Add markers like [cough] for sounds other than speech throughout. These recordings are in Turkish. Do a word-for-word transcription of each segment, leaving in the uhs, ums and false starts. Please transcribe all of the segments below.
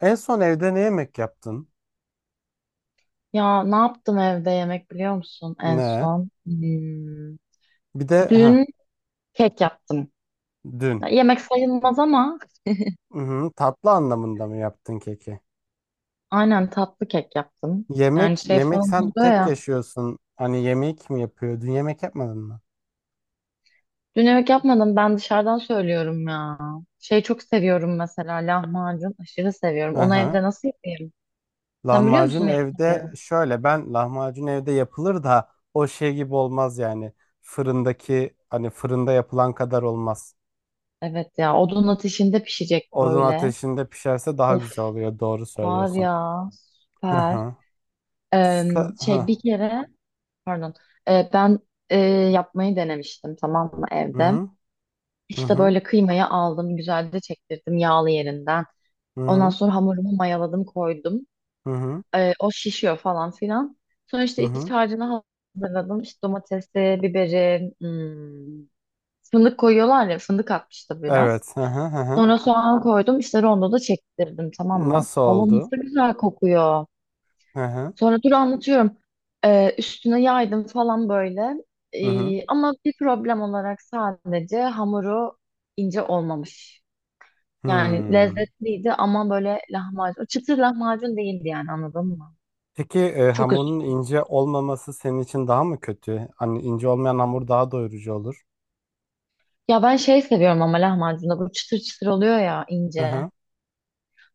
En son evde ne yemek yaptın? Ya ne yaptım evde yemek biliyor musun en Ne? son? Hmm, Bir de ha Dün kek yaptım. dün. Ya, yemek sayılmaz ama Hı-hı, tatlı anlamında mı yaptın keki? aynen tatlı kek yaptım. Yani Yemek şey yemek falan sen oluyor tek ya. yaşıyorsun. Hani yemek kim yapıyor? Dün yemek yapmadın mı? Dün yemek yapmadım ben dışarıdan söylüyorum ya. Şey çok seviyorum mesela lahmacun aşırı seviyorum. Onu Hı-hı. evde nasıl yapayım? Sen biliyor Lahmacun musun evde yapmayı? şöyle ben lahmacun evde yapılır da o şey gibi olmaz yani. Fırındaki hani fırında yapılan kadar olmaz. Evet ya odun ateşinde pişecek Odun böyle. ateşinde pişerse daha Of güzel oluyor. Doğru var söylüyorsun. ya Hı süper. hı. Ee, Sa- şey hı. bir kere. Pardon. Ee, ben e, yapmayı denemiştim tamam mı Hı evde. hı. Hı İşte hı. böyle kıymayı aldım, güzelce çektirdim yağlı yerinden. Hı Ondan hı. sonra hamurumu mayaladım, koydum. Hı hı. Ee, o şişiyor falan filan. Sonra Hı işte iç hı. harcını hazırladım. İşte domatesi, biberi, hmm, fındık koyuyorlar ya, fındık atmıştı biraz. Evet. Hı hı hı. Hı. Sonra soğan koydum, işte rondoda çektirdim tamam mı? Nasıl Allah oldu? nasıl güzel kokuyor. Hı hı. Sonra dur anlatıyorum. Ee, üstüne yaydım falan böyle. Hı hı. Ee, ama bir problem olarak sadece hamuru ince olmamış. Yani Hmm. lezzetliydi ama böyle lahmacun. Çıtır lahmacun değildi yani anladın mı? Peki e, Çok hamurun üzüldüm. ince olmaması senin için daha mı kötü? Hani ince olmayan hamur daha doyurucu olur. Ya ben şey seviyorum ama lahmacunda bu çıtır çıtır oluyor ya Hı ince. hı.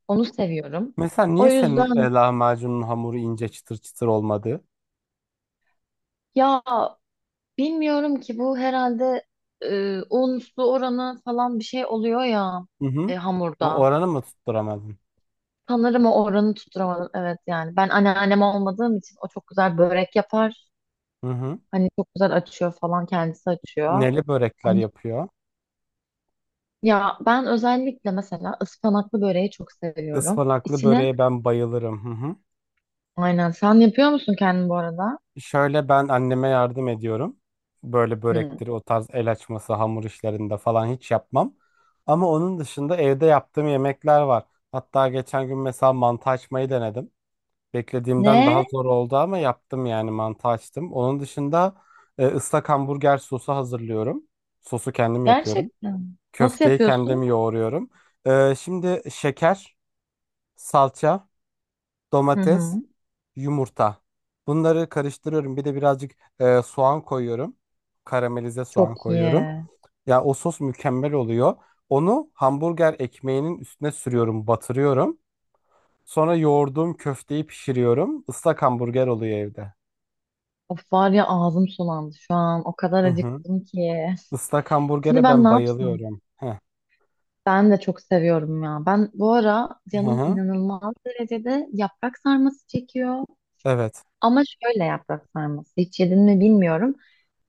Onu seviyorum. Mesela O niye senin e, yüzden lahmacunun hamuru ince çıtır çıtır olmadı? ya bilmiyorum ki bu herhalde e, un su oranı falan bir şey oluyor ya Hı e, hı. O hamurda. oranı mı tutturamadın? Sanırım o oranı tutturamadım. Evet yani ben anneannem olmadığım için o çok güzel börek yapar. Hı hı. Hani çok güzel açıyor falan kendisi açıyor. Neli börekler Hani- yapıyor? ya ben özellikle mesela ıspanaklı böreği çok seviyorum. Ispanaklı İçine böreğe ben bayılırım. Hı. aynen sen yapıyor musun kendin bu arada? Şöyle ben anneme yardım ediyorum. Böyle Hı. börektir, o tarz el açması, hamur işlerinde falan hiç yapmam. Ama onun dışında evde yaptığım yemekler var. Hatta geçen gün mesela mantı açmayı denedim. Beklediğimden daha Ne? zor oldu ama yaptım yani mantı açtım. Onun dışında e, ıslak hamburger sosu hazırlıyorum. Sosu kendim yapıyorum. Gerçekten. Nasıl Köfteyi kendim yapıyorsun? yoğuruyorum. E, şimdi şeker, salça, Hı hı. domates, yumurta. Bunları karıştırıyorum. Bir de birazcık e, soğan koyuyorum. Karamelize Çok soğan iyi. koyuyorum. Ya o sos mükemmel oluyor. Onu hamburger ekmeğinin üstüne sürüyorum, batırıyorum. Sonra yoğurduğum köfteyi pişiriyorum. Islak hamburger oluyor evde. Of var ya ağzım sulandı şu an. O kadar Hı hı. acıktım ki. Islak Şimdi hamburgere ben ne ben yapsam? bayılıyorum. Heh. Ben de çok seviyorum ya. Ben bu ara Hı canım hı. inanılmaz derecede yaprak sarması çekiyor. Evet. Ama şöyle yaprak sarması. Hiç yedin mi bilmiyorum.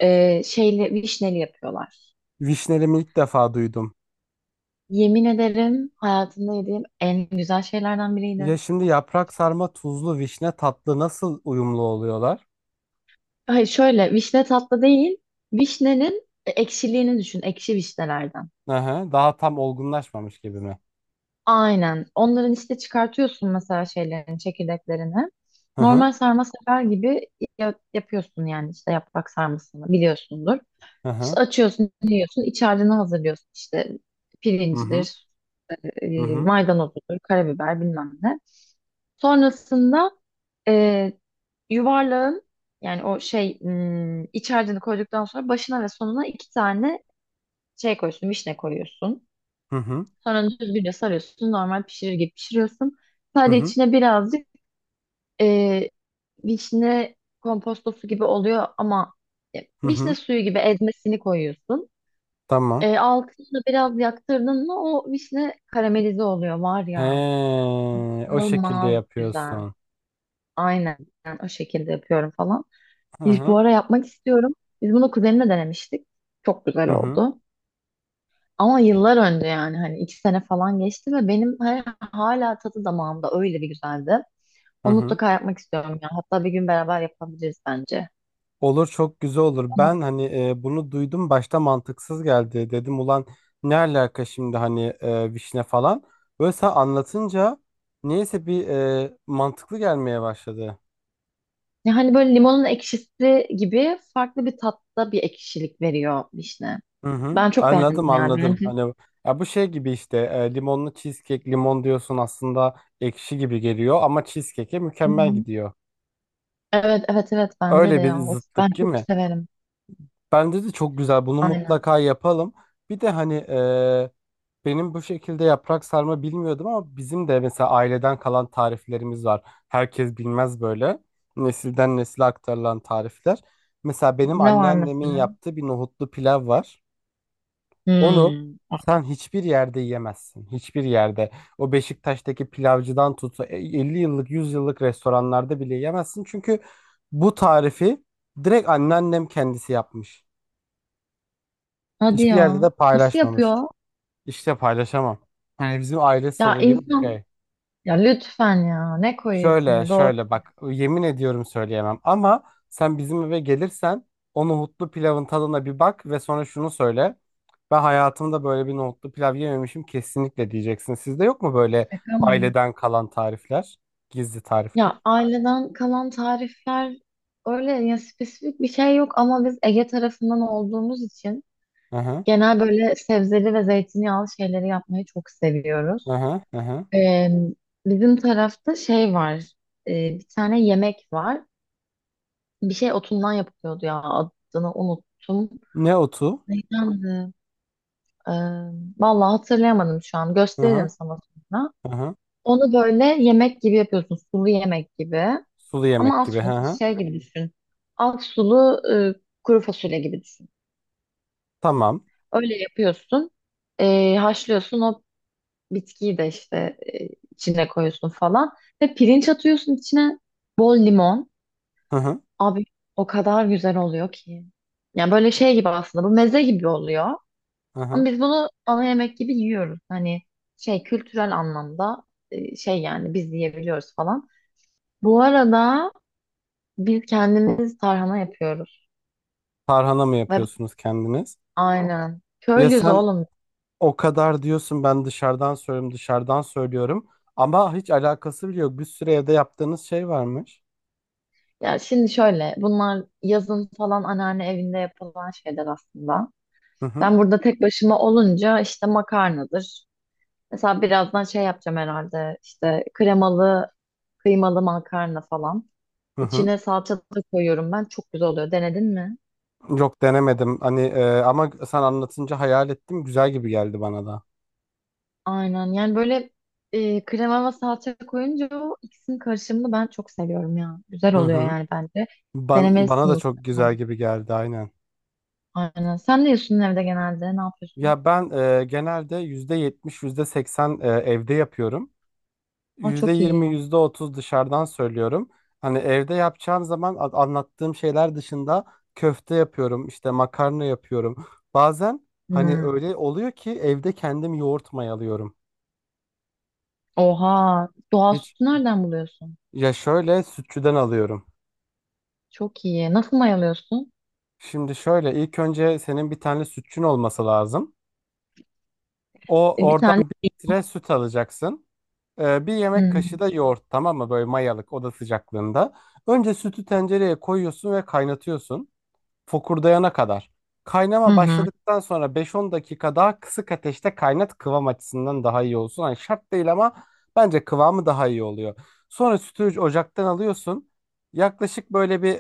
Ee, şeyle vişneli yapıyorlar. Vişnelimi ilk defa duydum. Yemin ederim hayatımda yediğim en güzel şeylerden Ya biriydi. şimdi yaprak sarma tuzlu vişne tatlı nasıl uyumlu oluyorlar? Hayır şöyle vişne tatlı değil. Vişnenin e, ekşiliğini düşün. Ekşi vişnelerden. Hı hı. Daha tam olgunlaşmamış gibi mi? Aynen. Onların işte çıkartıyorsun mesela şeylerini, çekirdeklerini. Hı hı. Normal sarma sefer gibi ya- yapıyorsun yani işte yaprak sarmasını biliyorsundur. Hı hı. İşte açıyorsun, yiyorsun, iç harcını hazırlıyorsun işte Hı hı. pirincidir, e, Hı e, hı. maydanozudur, karabiber bilmem ne. Sonrasında e, yuvarlağın yani o şey m, iç harcını koyduktan sonra başına ve sonuna iki tane şey koyuyorsun, vişne koyuyorsun. Hı hı. Sonra düzgünce sarıyorsun. Normal pişirir gibi pişiriyorsun. Hı Sadece hı. içine birazcık e, vişne kompostosu gibi oluyor ama e, Hı vişne hı. suyu gibi ezmesini koyuyorsun. Tamam. E, altını biraz yaktırdın mı o vişne karamelize oluyor var He, ya. o şekilde İnanılmaz güzel. yapıyorsun. Aynen o şekilde yapıyorum falan. Hı Biz hı. bu ara yapmak istiyorum. Biz bunu kuzenimle denemiştik. Çok güzel Hı hı. oldu. Ama yıllar önce yani hani iki sene falan geçti ve benim hala, hala tadı damağımda öyle bir güzeldi. Hı Onu hı. mutlaka yapmak istiyorum ya. Hatta bir gün beraber yapabiliriz bence. Olur, çok güzel olur. Ama Ben hani e, bunu duydum başta mantıksız geldi. Dedim ulan ne alaka şimdi hani e, vişne falan. Böyle sen anlatınca neyse bir e, mantıklı gelmeye başladı. ya hani böyle limonun ekşisi gibi farklı bir tatta bir ekşilik veriyor vişne. Hı hı. Ben çok beğendim Anladım, yani. anladım. Bence. Hani ya bu şey gibi işte e, limonlu cheesecake, limon diyorsun aslında ekşi gibi geliyor ama cheesecake'e Hı mükemmel hı. gidiyor. Evet evet evet bence de Öyle bir ya. Of, ben zıttık değil çok mi? severim. Bence de çok güzel. Bunu Aynen. mutlaka yapalım. Bir de hani eee, benim bu şekilde yaprak sarma bilmiyordum ama bizim de mesela aileden kalan tariflerimiz var. Herkes bilmez böyle. Nesilden nesile aktarılan tarifler. Mesela benim Ne var anneannemin mesela? yaptığı bir nohutlu pilav var. Onu Hmm. sen hiçbir yerde yiyemezsin. Hiçbir yerde. O Beşiktaş'taki pilavcıdan tut, e, elli yıllık yüz yıllık restoranlarda bile yiyemezsin. Çünkü bu tarifi direkt anneannem kendisi yapmış. Hadi Hiçbir yerde ya. de Nasıl paylaşmamış. yapıyor? İşte paylaşamam. Yani bizim aile Ya sırrı gibi bir insan şey. ya lütfen ya ne koyuyor Şöyle içine doğru. şöyle bak, yemin ediyorum söyleyemem ama sen bizim eve gelirsen o nohutlu pilavın tadına bir bak ve sonra şunu söyle. Ben hayatımda böyle bir nohutlu pilav yememişim kesinlikle diyeceksin. Sizde yok mu böyle Şaka mı? aileden kalan tarifler? Gizli tarifler. Ya aileden kalan tarifler öyle ya spesifik bir şey yok ama biz Ege tarafından olduğumuz için Hı hı, genel böyle sebzeli ve zeytinyağlı şeyleri yapmayı çok hı seviyoruz. hı, hı hı. Ee, bizim tarafta şey var, e, bir tane yemek var, bir şey otundan yapılıyordu ya adını unuttum. Ne otu? Neydendi? Ee, vallahi hatırlayamadım şu an Hı hı, gösteririm sana sonra. hı hı. Onu böyle yemek gibi yapıyorsun sulu yemek gibi. Sulu Ama yemek gibi. Aslı Hı hı. şey gibi düşün. Aksulu e, kuru fasulye gibi düşün. Tamam. Öyle yapıyorsun. e, haşlıyorsun o bitkiyi de işte e, içine koyuyorsun falan. Ve pirinç atıyorsun içine bol limon. Hı hı, Abi o kadar güzel oluyor ki. Yani böyle şey gibi aslında bu meze gibi oluyor. hı Ama hı. biz bunu ana yemek gibi yiyoruz. Hani şey kültürel anlamda e, şey yani biz yiyebiliyoruz falan. Bu arada biz kendimiz tarhana yapıyoruz. Tarhana mı Ve yapıyorsunuz kendiniz? aynen. Ya Köylüyüz sen, oğlum. o kadar diyorsun ben dışarıdan söylüyorum dışarıdan söylüyorum ama hiç alakası bile yok. Bir sürü evde yaptığınız şey varmış. Ya şimdi şöyle, bunlar yazın falan anneanne evinde yapılan şeyler aslında. Hı hı, Ben burada tek başıma olunca işte makarnadır. Mesela birazdan şey yapacağım herhalde. İşte kremalı, kıymalı makarna falan. hı hı. İçine salça da koyuyorum ben. Çok güzel oluyor. Denedin mi? Yok, denemedim hani e, ama sen anlatınca hayal ettim, güzel gibi geldi bana da. Aynen. Yani böyle e, krema ve salça koyunca o ikisinin karışımını ben çok seviyorum ya. Güzel Hı oluyor hı. yani bence. Ben, bana Denemelisin da çok mutlaka. güzel gibi geldi aynen. Aynen. Sen ne yiyorsun evde genelde? Ne yapıyorsun? Ya ben e, genelde yüzde yetmiş yüzde seksen e, evde yapıyorum. Aa, çok yüzde yirmi, iyi. yüzde otuz dışarıdan söylüyorum. Hani evde yapacağın zaman a- anlattığım şeyler dışında köfte yapıyorum, işte makarna yapıyorum. Bazen hani Hmm. öyle oluyor ki evde kendim yoğurt mayalıyorum. Oha. Doğal Hiç, sütü nereden buluyorsun? ya şöyle sütçüden alıyorum. Çok iyi. Nasıl mayalıyorsun? Şimdi şöyle, ilk önce senin bir tane sütçün olması lazım. O E, bir oradan tane. bir litre süt alacaksın. Ee, bir Hı yemek hı. kaşığı da yoğurt, tamam mı? Böyle mayalık, oda sıcaklığında. Önce sütü tencereye koyuyorsun ve kaynatıyorsun. Fokurdayana kadar. Hı Kaynama hı. başladıktan sonra beş on dakika daha kısık ateşte kaynat, kıvam açısından daha iyi olsun. Hani şart değil ama bence kıvamı daha iyi oluyor. Sonra sütü ocaktan alıyorsun. Yaklaşık böyle bir,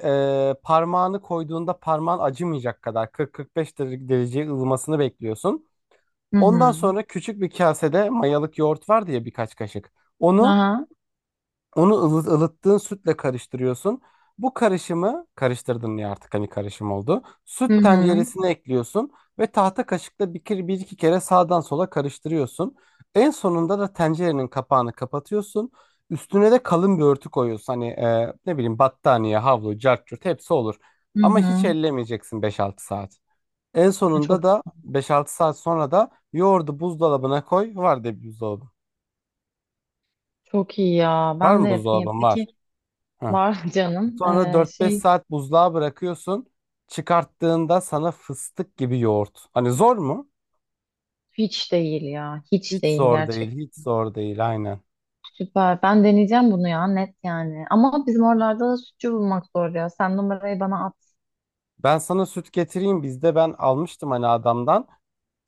e, parmağını koyduğunda parmağın acımayacak kadar kırk kırk beş dere- derece dereceye ılımasını bekliyorsun. Ondan Hı. sonra küçük bir kasede mayalık yoğurt var diye birkaç kaşık. Onu Aha. onu ılıt, ılıttığın sütle karıştırıyorsun. Bu karışımı karıştırdın ya, artık hani karışım oldu. Hı Süt hı. tenceresine ekliyorsun ve tahta kaşıkla bir, kere- bir iki kere sağdan sola karıştırıyorsun. En sonunda da tencerenin kapağını kapatıyorsun. Üstüne de kalın bir örtü koyuyorsun. Hani e, ne bileyim, battaniye, havlu, cart curt hepsi olur. Hı Ama hiç hı. ellemeyeceksin beş altı saat. En E, sonunda Çok da beş altı saat sonra da yoğurdu buzdolabına koy. Var de buzdolabı. çok iyi ya. Var Ben mı de yapayım. buzdolabın? Var. Peki Hı. var [laughs] canım. Sonra Ee, dört beş şey saat buzluğa bırakıyorsun. Çıkarttığında sana fıstık gibi yoğurt. Hani zor mu? hiç değil ya. Hiç Hiç değil zor gerçek. değil, hiç zor değil aynen. Süper. Ben deneyeceğim bunu ya net yani. Ama bizim oralarda da sütçü bulmak zor ya. Sen numarayı bana at. Ben sana süt getireyim. Bizde ben almıştım hani adamdan.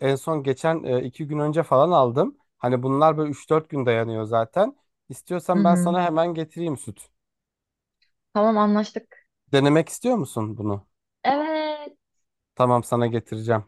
En son geçen e, iki gün önce falan aldım. Hani bunlar böyle üç dört gün dayanıyor zaten. Hı İstiyorsan ben hı. sana hemen getireyim süt. Tamam anlaştık. Denemek istiyor musun bunu? Evet. Tamam, sana getireceğim.